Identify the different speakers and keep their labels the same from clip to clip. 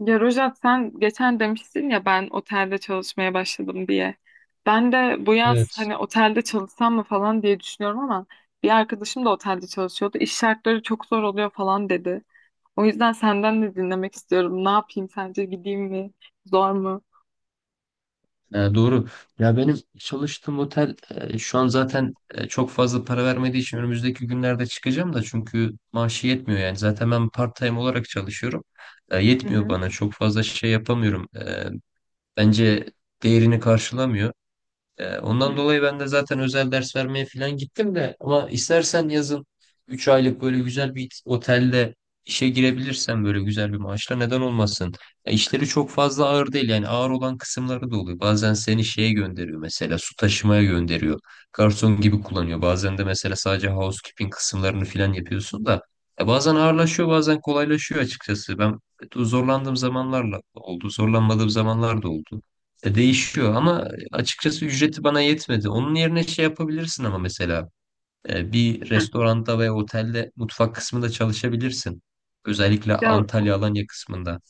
Speaker 1: Ya Rojat sen geçen demiştin ya ben otelde çalışmaya başladım diye. Ben de bu yaz
Speaker 2: Evet.
Speaker 1: hani otelde çalışsam mı falan diye düşünüyorum ama bir arkadaşım da otelde çalışıyordu. İş şartları çok zor oluyor falan dedi. O yüzden senden de dinlemek istiyorum. Ne yapayım sence gideyim mi? Zor mu?
Speaker 2: Doğru. Ya benim çalıştığım otel şu an zaten çok fazla para vermediği için önümüzdeki günlerde çıkacağım da çünkü maaşı yetmiyor yani. Zaten ben part-time olarak çalışıyorum.
Speaker 1: Hı
Speaker 2: Yetmiyor
Speaker 1: hı.
Speaker 2: bana. Çok fazla şey yapamıyorum. Bence değerini karşılamıyor.
Speaker 1: Hı
Speaker 2: Ondan
Speaker 1: hı.
Speaker 2: dolayı ben de zaten özel ders vermeye falan gittim de, ama istersen yazın 3 aylık böyle güzel bir otelde işe girebilirsen böyle güzel bir maaşla neden olmasın? Ya işleri çok fazla ağır değil, yani ağır olan kısımları da oluyor. Bazen seni şeye gönderiyor, mesela su taşımaya gönderiyor. Garson gibi kullanıyor. Bazen de mesela sadece housekeeping kısımlarını falan yapıyorsun da ya bazen ağırlaşıyor bazen kolaylaşıyor açıkçası. Ben zorlandığım zamanlarla oldu, zorlanmadığım zamanlar da oldu. Değişiyor ama açıkçası ücreti bana yetmedi. Onun yerine şey yapabilirsin, ama mesela bir
Speaker 1: Hı.
Speaker 2: restoranda veya otelde mutfak kısmında çalışabilirsin. Özellikle
Speaker 1: Ya
Speaker 2: Antalya Alanya kısmında.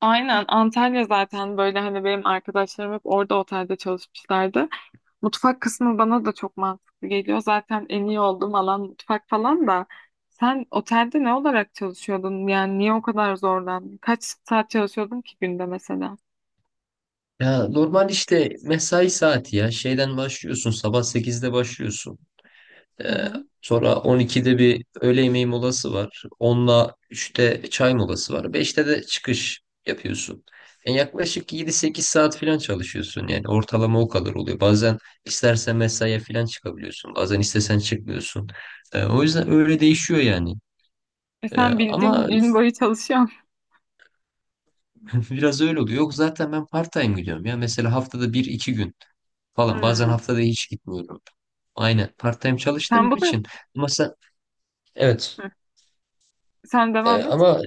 Speaker 1: aynen, Antalya zaten böyle hani benim arkadaşlarım hep orada otelde çalışmışlardı. Mutfak kısmı bana da çok mantıklı geliyor. Zaten en iyi olduğum alan mutfak falan da. Sen otelde ne olarak çalışıyordun? Yani niye o kadar zorlandın? Kaç saat çalışıyordun ki günde mesela?
Speaker 2: Ya normal işte mesai saati ya şeyden başlıyorsun, sabah sekizde başlıyorsun.
Speaker 1: Hı
Speaker 2: Ee,
Speaker 1: hı.
Speaker 2: Sonra 12'de bir öğle yemeği molası var. Onla üçte çay molası var. Beşte de çıkış yapıyorsun. Yani yaklaşık yedi sekiz saat falan çalışıyorsun. Yani ortalama o kadar oluyor. Bazen istersen mesaiye falan çıkabiliyorsun. Bazen istesen çıkmıyorsun. O yüzden öyle değişiyor yani.
Speaker 1: E sen bildiğin
Speaker 2: Ama
Speaker 1: gün boyu çalışıyorsun.
Speaker 2: Biraz öyle oluyor. Yok zaten ben part-time gidiyorum ya. Mesela haftada bir iki gün falan. Bazen
Speaker 1: Hmm.
Speaker 2: haftada hiç gitmiyorum. Aynen, part-time
Speaker 1: Sen
Speaker 2: çalıştığım
Speaker 1: bunu.
Speaker 2: için. Ama sen... Evet.
Speaker 1: Hı. Sen
Speaker 2: Ee,
Speaker 1: devam et.
Speaker 2: ama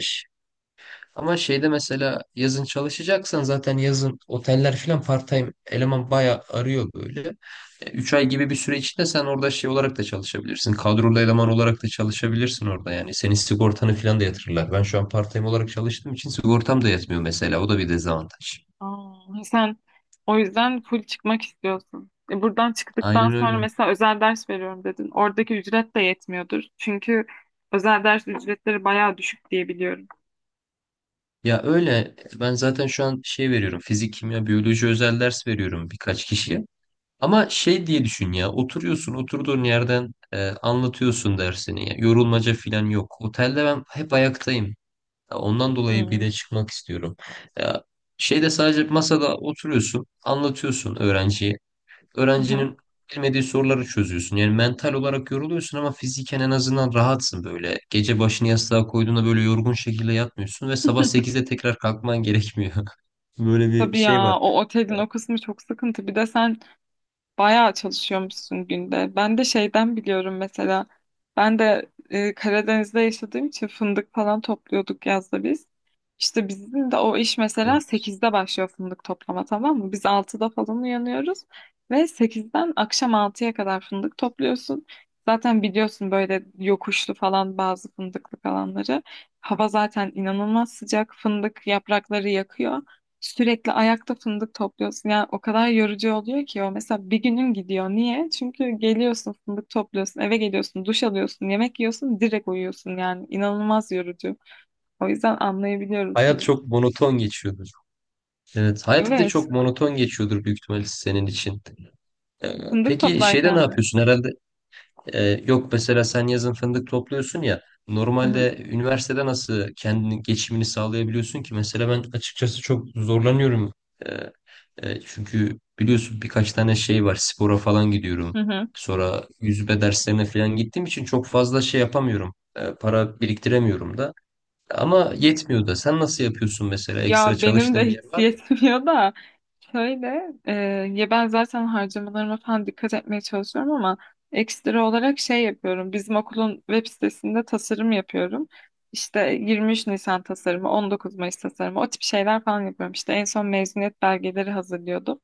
Speaker 2: Ama şeyde mesela yazın çalışacaksan zaten yazın oteller falan part-time eleman bayağı arıyor böyle. Üç ay gibi bir süre içinde sen orada şey olarak da çalışabilirsin. Kadrolu eleman olarak da çalışabilirsin orada yani. Senin sigortanı falan da yatırırlar. Ben şu an part-time olarak çalıştığım için sigortam da yatmıyor mesela. O da bir dezavantaj.
Speaker 1: Aa, sen o yüzden full çıkmak istiyorsun. E buradan çıktıktan
Speaker 2: Aynen
Speaker 1: sonra
Speaker 2: öyle.
Speaker 1: mesela özel ders veriyorum dedin. Oradaki ücret de yetmiyordur. Çünkü özel ders ücretleri bayağı düşük diye biliyorum.
Speaker 2: Ya öyle, ben zaten şu an şey veriyorum. Fizik, kimya, biyoloji özel ders veriyorum birkaç kişiye. Ama şey diye düşün, ya oturuyorsun oturduğun yerden, anlatıyorsun dersini, ya yorulmaca falan yok. Otelde ben hep ayaktayım. Ya ondan dolayı bir
Speaker 1: Hmm.
Speaker 2: de çıkmak istiyorum. Ya şeyde sadece masada oturuyorsun, anlatıyorsun öğrenciye. Öğrencinin bilmediği soruları çözüyorsun. Yani mental olarak yoruluyorsun ama fiziken en azından rahatsın böyle. Gece başını yastığa koyduğunda böyle yorgun şekilde yatmıyorsun ve sabah 8'de tekrar kalkman gerekmiyor. Böyle bir
Speaker 1: Tabii
Speaker 2: şey
Speaker 1: ya,
Speaker 2: var.
Speaker 1: o otelin o kısmı çok sıkıntı. Bir de sen bayağı çalışıyormuşsun günde. Ben de şeyden biliyorum mesela. Ben de Karadeniz'de yaşadığım için fındık falan topluyorduk yazda biz. İşte bizim de o iş mesela
Speaker 2: Evet.
Speaker 1: sekizde başlıyor fındık toplama, tamam mı? Biz 6'da falan uyanıyoruz ve 8'den akşam 6'ya kadar fındık topluyorsun. Zaten biliyorsun böyle yokuşlu falan bazı fındıklık alanları. Hava zaten inanılmaz sıcak. Fındık yaprakları yakıyor. Sürekli ayakta fındık topluyorsun. Yani o kadar yorucu oluyor ki o. Mesela bir günün gidiyor. Niye? Çünkü geliyorsun fındık topluyorsun, eve geliyorsun, duş alıyorsun, yemek yiyorsun, direkt uyuyorsun. Yani inanılmaz yorucu. O yüzden anlayabiliyorum
Speaker 2: Hayat
Speaker 1: seni.
Speaker 2: çok monoton geçiyor. Evet, hayat bir de
Speaker 1: Evet.
Speaker 2: çok monoton geçiyordur büyük ihtimalle senin için. Ee,
Speaker 1: Fındık
Speaker 2: Peki şeyde ne
Speaker 1: toplarken mi?
Speaker 2: yapıyorsun herhalde? Yok mesela sen yazın fındık topluyorsun ya.
Speaker 1: Hı hı.
Speaker 2: Normalde üniversitede nasıl kendini geçimini sağlayabiliyorsun ki? Mesela ben açıkçası çok zorlanıyorum. Ee, Çünkü biliyorsun birkaç tane şey var. Spora falan gidiyorum.
Speaker 1: Hı hı.
Speaker 2: Sonra yüzme derslerine falan gittiğim için çok fazla şey yapamıyorum. Para biriktiremiyorum da. Ama yetmiyor da. Sen nasıl yapıyorsun mesela? Ekstra
Speaker 1: Ya benim de
Speaker 2: çalıştığın bir
Speaker 1: hiç
Speaker 2: yer var mı?
Speaker 1: yetmiyor da şöyle, ya ben zaten harcamalarıma falan dikkat etmeye çalışıyorum ama ekstra olarak şey yapıyorum. Bizim okulun web sitesinde tasarım yapıyorum. İşte 23 Nisan tasarımı, 19 Mayıs tasarımı, o tip şeyler falan yapıyorum. İşte en son mezuniyet belgeleri hazırlıyordum.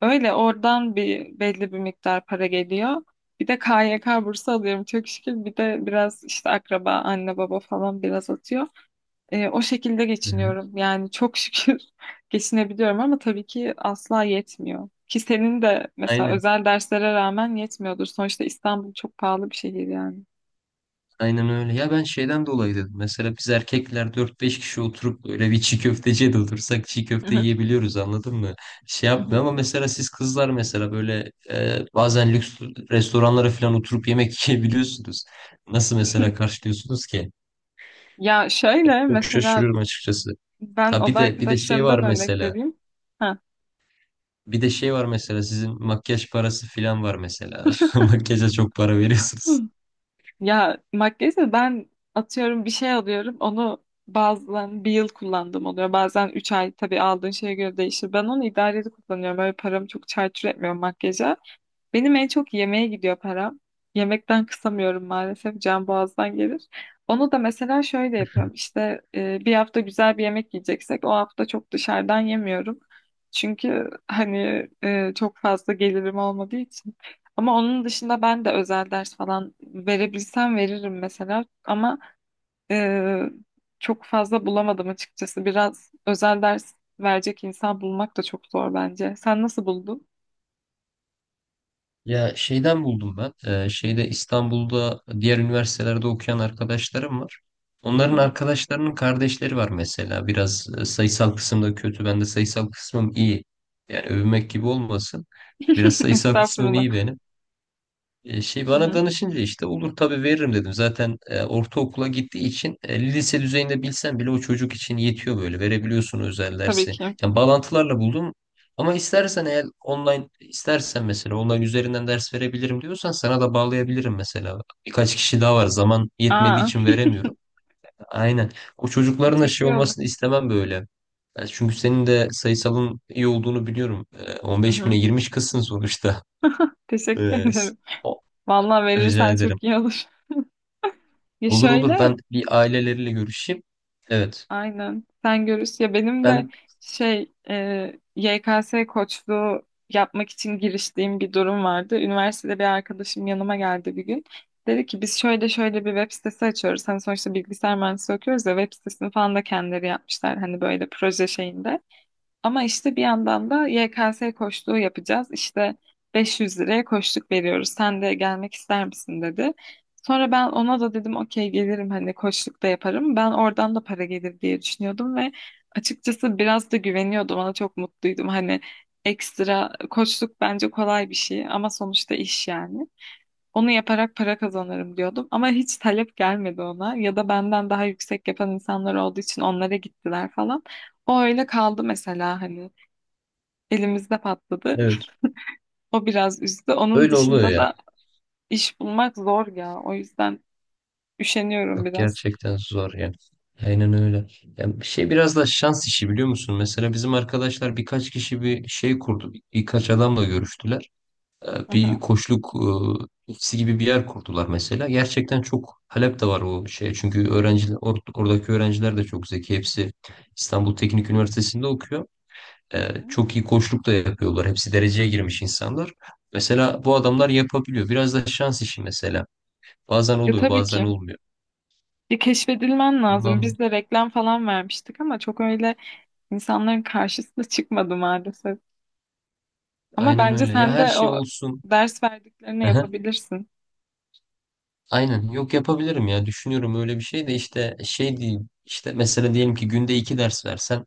Speaker 1: Öyle oradan bir belli bir miktar para geliyor. Bir de KYK bursu alıyorum çok şükür. Bir de biraz işte akraba, anne baba falan biraz atıyor. O şekilde
Speaker 2: Hı hı.
Speaker 1: geçiniyorum. Yani çok şükür geçinebiliyorum ama tabii ki asla yetmiyor. Ki senin de mesela
Speaker 2: Aynen.
Speaker 1: özel derslere rağmen yetmiyordur. Sonuçta İstanbul çok pahalı bir şehir yani.
Speaker 2: Aynen öyle. Ya ben şeyden dolayı dedim. Mesela biz erkekler dört beş kişi oturup böyle bir çiğ köfteciye de otursak çiğ
Speaker 1: Hı
Speaker 2: köfte
Speaker 1: hı,
Speaker 2: yiyebiliyoruz, anladın mı? Şey
Speaker 1: hı
Speaker 2: yapmıyor,
Speaker 1: hı.
Speaker 2: ama mesela siz kızlar mesela böyle bazen lüks restoranlara falan oturup yemek yiyebiliyorsunuz. Nasıl mesela karşılıyorsunuz ki?
Speaker 1: Ya şöyle
Speaker 2: Çok
Speaker 1: mesela,
Speaker 2: şaşırıyorum açıkçası.
Speaker 1: ben
Speaker 2: Ha, bir
Speaker 1: oda
Speaker 2: de bir de şey var
Speaker 1: arkadaşlarımdan örnek
Speaker 2: mesela.
Speaker 1: vereyim. Ha.
Speaker 2: Bir de şey var mesela, sizin makyaj parası filan var mesela. Makyaja çok para
Speaker 1: Hı.
Speaker 2: veriyorsunuz.
Speaker 1: Ya, makyajı ben atıyorum bir şey alıyorum. Onu bazen bir yıl kullandım oluyor. Bazen 3 ay, tabii aldığın şeye göre değişir. Ben onu idareli kullanıyorum. Öyle paramı çok çarçur etmiyorum makyaja. Benim en çok yemeğe gidiyor param. Yemekten kısamıyorum maalesef. Can boğazdan gelir. Onu da mesela şöyle yapıyorum. İşte, bir hafta güzel bir yemek yiyeceksek o hafta çok dışarıdan yemiyorum. Çünkü hani, çok fazla gelirim olmadığı için. Ama onun dışında ben de özel ders falan verebilsem veririm mesela. Ama e, çok fazla bulamadım açıkçası. Biraz özel ders verecek insan bulmak da çok zor bence. Sen nasıl buldun?
Speaker 2: Ya şeyden buldum ben. Şeyde İstanbul'da diğer üniversitelerde okuyan arkadaşlarım var. Onların arkadaşlarının kardeşleri var mesela. Biraz sayısal kısımda kötü. Ben de sayısal kısmım iyi. Yani övünmek gibi olmasın. Biraz sayısal kısmım
Speaker 1: Estağfurullah.
Speaker 2: iyi benim. Şey bana danışınca işte olur tabii veririm dedim. Zaten ortaokula gittiği için lise düzeyinde bilsen bile o çocuk için yetiyor böyle. Verebiliyorsun özel
Speaker 1: Tabii
Speaker 2: dersi.
Speaker 1: ki.
Speaker 2: Yani bağlantılarla buldum. Ama istersen, eğer online istersen, mesela online üzerinden ders verebilirim diyorsan sana da bağlayabilirim mesela. Birkaç kişi daha var. Zaman yetmediği
Speaker 1: Aa,
Speaker 2: için veremiyorum. Aynen. O çocukların da
Speaker 1: çok
Speaker 2: şey
Speaker 1: iyi olur.
Speaker 2: olmasını istemem böyle. Yani çünkü senin de sayısalın iyi olduğunu biliyorum.
Speaker 1: Hı
Speaker 2: 15
Speaker 1: hı.
Speaker 2: bine girmiş kızsın sonuçta.
Speaker 1: Teşekkür
Speaker 2: Ee, s-
Speaker 1: ederim.
Speaker 2: o-
Speaker 1: Vallahi
Speaker 2: Rica
Speaker 1: verirsen
Speaker 2: ederim.
Speaker 1: çok iyi olur. Ya
Speaker 2: Olur olur,
Speaker 1: şöyle,
Speaker 2: ben bir aileleriyle görüşeyim. Evet.
Speaker 1: aynen. Sen görürsün. Ya benim de
Speaker 2: Ben
Speaker 1: şey, YKS koçluğu yapmak için giriştiğim bir durum vardı. Üniversitede bir arkadaşım yanıma geldi bir gün. Dedi ki biz şöyle şöyle bir web sitesi açıyoruz. Hani sonuçta bilgisayar mühendisliği okuyoruz ya, web sitesini falan da kendileri yapmışlar. Hani böyle proje şeyinde. Ama işte bir yandan da YKS koçluğu yapacağız. İşte 500 liraya koçluk veriyoruz. Sen de gelmek ister misin dedi. Sonra ben ona da dedim okey gelirim, hani koçluk da yaparım. Ben oradan da para gelir diye düşünüyordum ve açıkçası biraz da güveniyordum. Ona çok mutluydum. Hani ekstra koçluk bence kolay bir şey ama sonuçta iş yani. Onu yaparak para kazanırım diyordum ama hiç talep gelmedi ona, ya da benden daha yüksek yapan insanlar olduğu için onlara gittiler falan. O öyle kaldı mesela hani. Elimizde patladı.
Speaker 2: evet.
Speaker 1: O biraz üzdü. Onun
Speaker 2: Öyle oluyor
Speaker 1: dışında
Speaker 2: ya.
Speaker 1: da iş bulmak zor ya. O yüzden üşeniyorum
Speaker 2: Yok
Speaker 1: biraz.
Speaker 2: gerçekten zor yani. Aynen öyle. Yani bir şey biraz da şans işi, biliyor musun? Mesela bizim arkadaşlar birkaç kişi bir şey kurdu. Birkaç adamla görüştüler.
Speaker 1: Hı
Speaker 2: Bir
Speaker 1: hı.
Speaker 2: koçluk ofisi gibi bir yer kurdular mesela. Gerçekten çok talep de var o şeye. Çünkü öğrenciler oradaki öğrenciler de çok zeki. Hepsi İstanbul Teknik Üniversitesi'nde okuyor. Çok iyi koçluk da yapıyorlar. Hepsi dereceye girmiş insanlar. Mesela bu adamlar yapabiliyor. Biraz da şans işi mesela. Bazen
Speaker 1: Ya
Speaker 2: oluyor,
Speaker 1: tabii
Speaker 2: bazen
Speaker 1: ki.
Speaker 2: olmuyor.
Speaker 1: Ya keşfedilmen lazım.
Speaker 2: Bundan dolayı-
Speaker 1: Biz de reklam falan vermiştik ama çok öyle insanların karşısına çıkmadı maalesef. Ama
Speaker 2: aynen
Speaker 1: bence
Speaker 2: öyle. Ya
Speaker 1: sen
Speaker 2: her
Speaker 1: de
Speaker 2: şey
Speaker 1: o
Speaker 2: olsun.
Speaker 1: ders verdiklerini
Speaker 2: Aha,
Speaker 1: yapabilirsin.
Speaker 2: aynen. Yok yapabilirim ya. Düşünüyorum öyle bir şey de, işte şey değil. İşte mesela diyelim ki günde iki ders versen,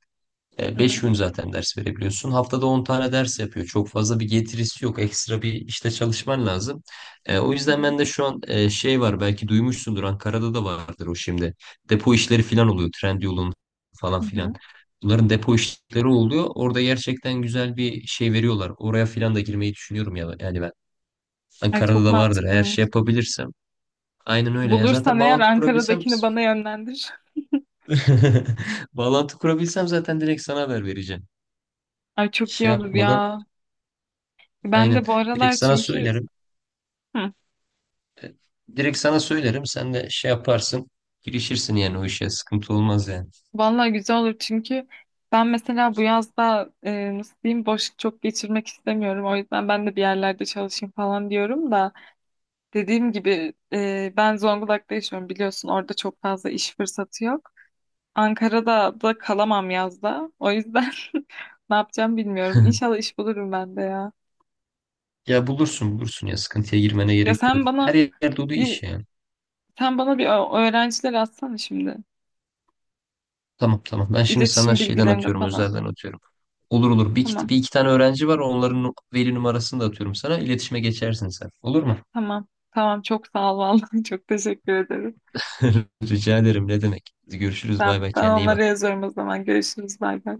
Speaker 1: Hı
Speaker 2: Beş
Speaker 1: hı.
Speaker 2: gün zaten ders verebiliyorsun. Haftada 10 tane ders yapıyor. Çok fazla bir getirisi yok. Ekstra bir işte çalışman lazım. O
Speaker 1: Hı
Speaker 2: yüzden
Speaker 1: hı.
Speaker 2: ben de şu an, şey var belki duymuşsundur, Ankara'da da vardır o şimdi. Depo işleri falan oluyor. Trendyol'un falan
Speaker 1: Hı
Speaker 2: filan.
Speaker 1: hı.
Speaker 2: Bunların depo işleri oluyor. Orada gerçekten güzel bir şey veriyorlar. Oraya filan da girmeyi düşünüyorum ya. Yani ben
Speaker 1: Ay
Speaker 2: Ankara'da
Speaker 1: çok
Speaker 2: da vardır. Eğer
Speaker 1: mantıklıymış.
Speaker 2: şey yapabilirsem. Aynen öyle. Ya
Speaker 1: Bulursan
Speaker 2: zaten
Speaker 1: eğer
Speaker 2: bağlantı kurabilsem,
Speaker 1: Ankara'dakini bana yönlendir.
Speaker 2: bağlantı kurabilsem zaten direkt sana haber vereceğim.
Speaker 1: Ay çok iyi
Speaker 2: Şey
Speaker 1: olur
Speaker 2: yapmadan.
Speaker 1: ya. Ben
Speaker 2: Aynen.
Speaker 1: de bu aralar
Speaker 2: Direkt sana
Speaker 1: çünkü.
Speaker 2: söylerim.
Speaker 1: Hı.
Speaker 2: E, Direkt sana söylerim. Sen de şey yaparsın. Girişirsin yani o işe. Sıkıntı olmaz yani.
Speaker 1: Vallahi güzel olur çünkü ben mesela bu yazda, nasıl diyeyim, boş çok geçirmek istemiyorum. O yüzden ben de bir yerlerde çalışayım falan diyorum da dediğim gibi, ben Zonguldak'ta yaşıyorum biliyorsun, orada çok fazla iş fırsatı yok. Ankara'da da kalamam yazda. O yüzden ne yapacağım bilmiyorum. İnşallah iş bulurum ben de ya.
Speaker 2: Ya bulursun bulursun ya. Sıkıntıya girmene
Speaker 1: Ya
Speaker 2: gerek yok.
Speaker 1: sen
Speaker 2: Her
Speaker 1: bana
Speaker 2: yerde olduğu
Speaker 1: bir
Speaker 2: iş yani.
Speaker 1: sen bana bir öğrenciler atsana şimdi.
Speaker 2: Tamam tamam. Ben şimdi sana
Speaker 1: İletişim
Speaker 2: şeyden
Speaker 1: bilgilerini
Speaker 2: atıyorum.
Speaker 1: falan.
Speaker 2: Özelden atıyorum. Olur olur. Bir
Speaker 1: Tamam.
Speaker 2: iki, bir iki tane öğrenci var. Onların veli numarasını da atıyorum sana. İletişime geçersin sen. Olur mu?
Speaker 1: Tamam. Tamam, çok sağ ol vallahi, çok teşekkür ederim.
Speaker 2: Rica ederim. Ne demek? Görüşürüz.
Speaker 1: Ben,
Speaker 2: Bay bay.
Speaker 1: ben
Speaker 2: Kendine iyi
Speaker 1: onlara
Speaker 2: bak.
Speaker 1: yazıyorum o zaman. Görüşürüz. Bay bay.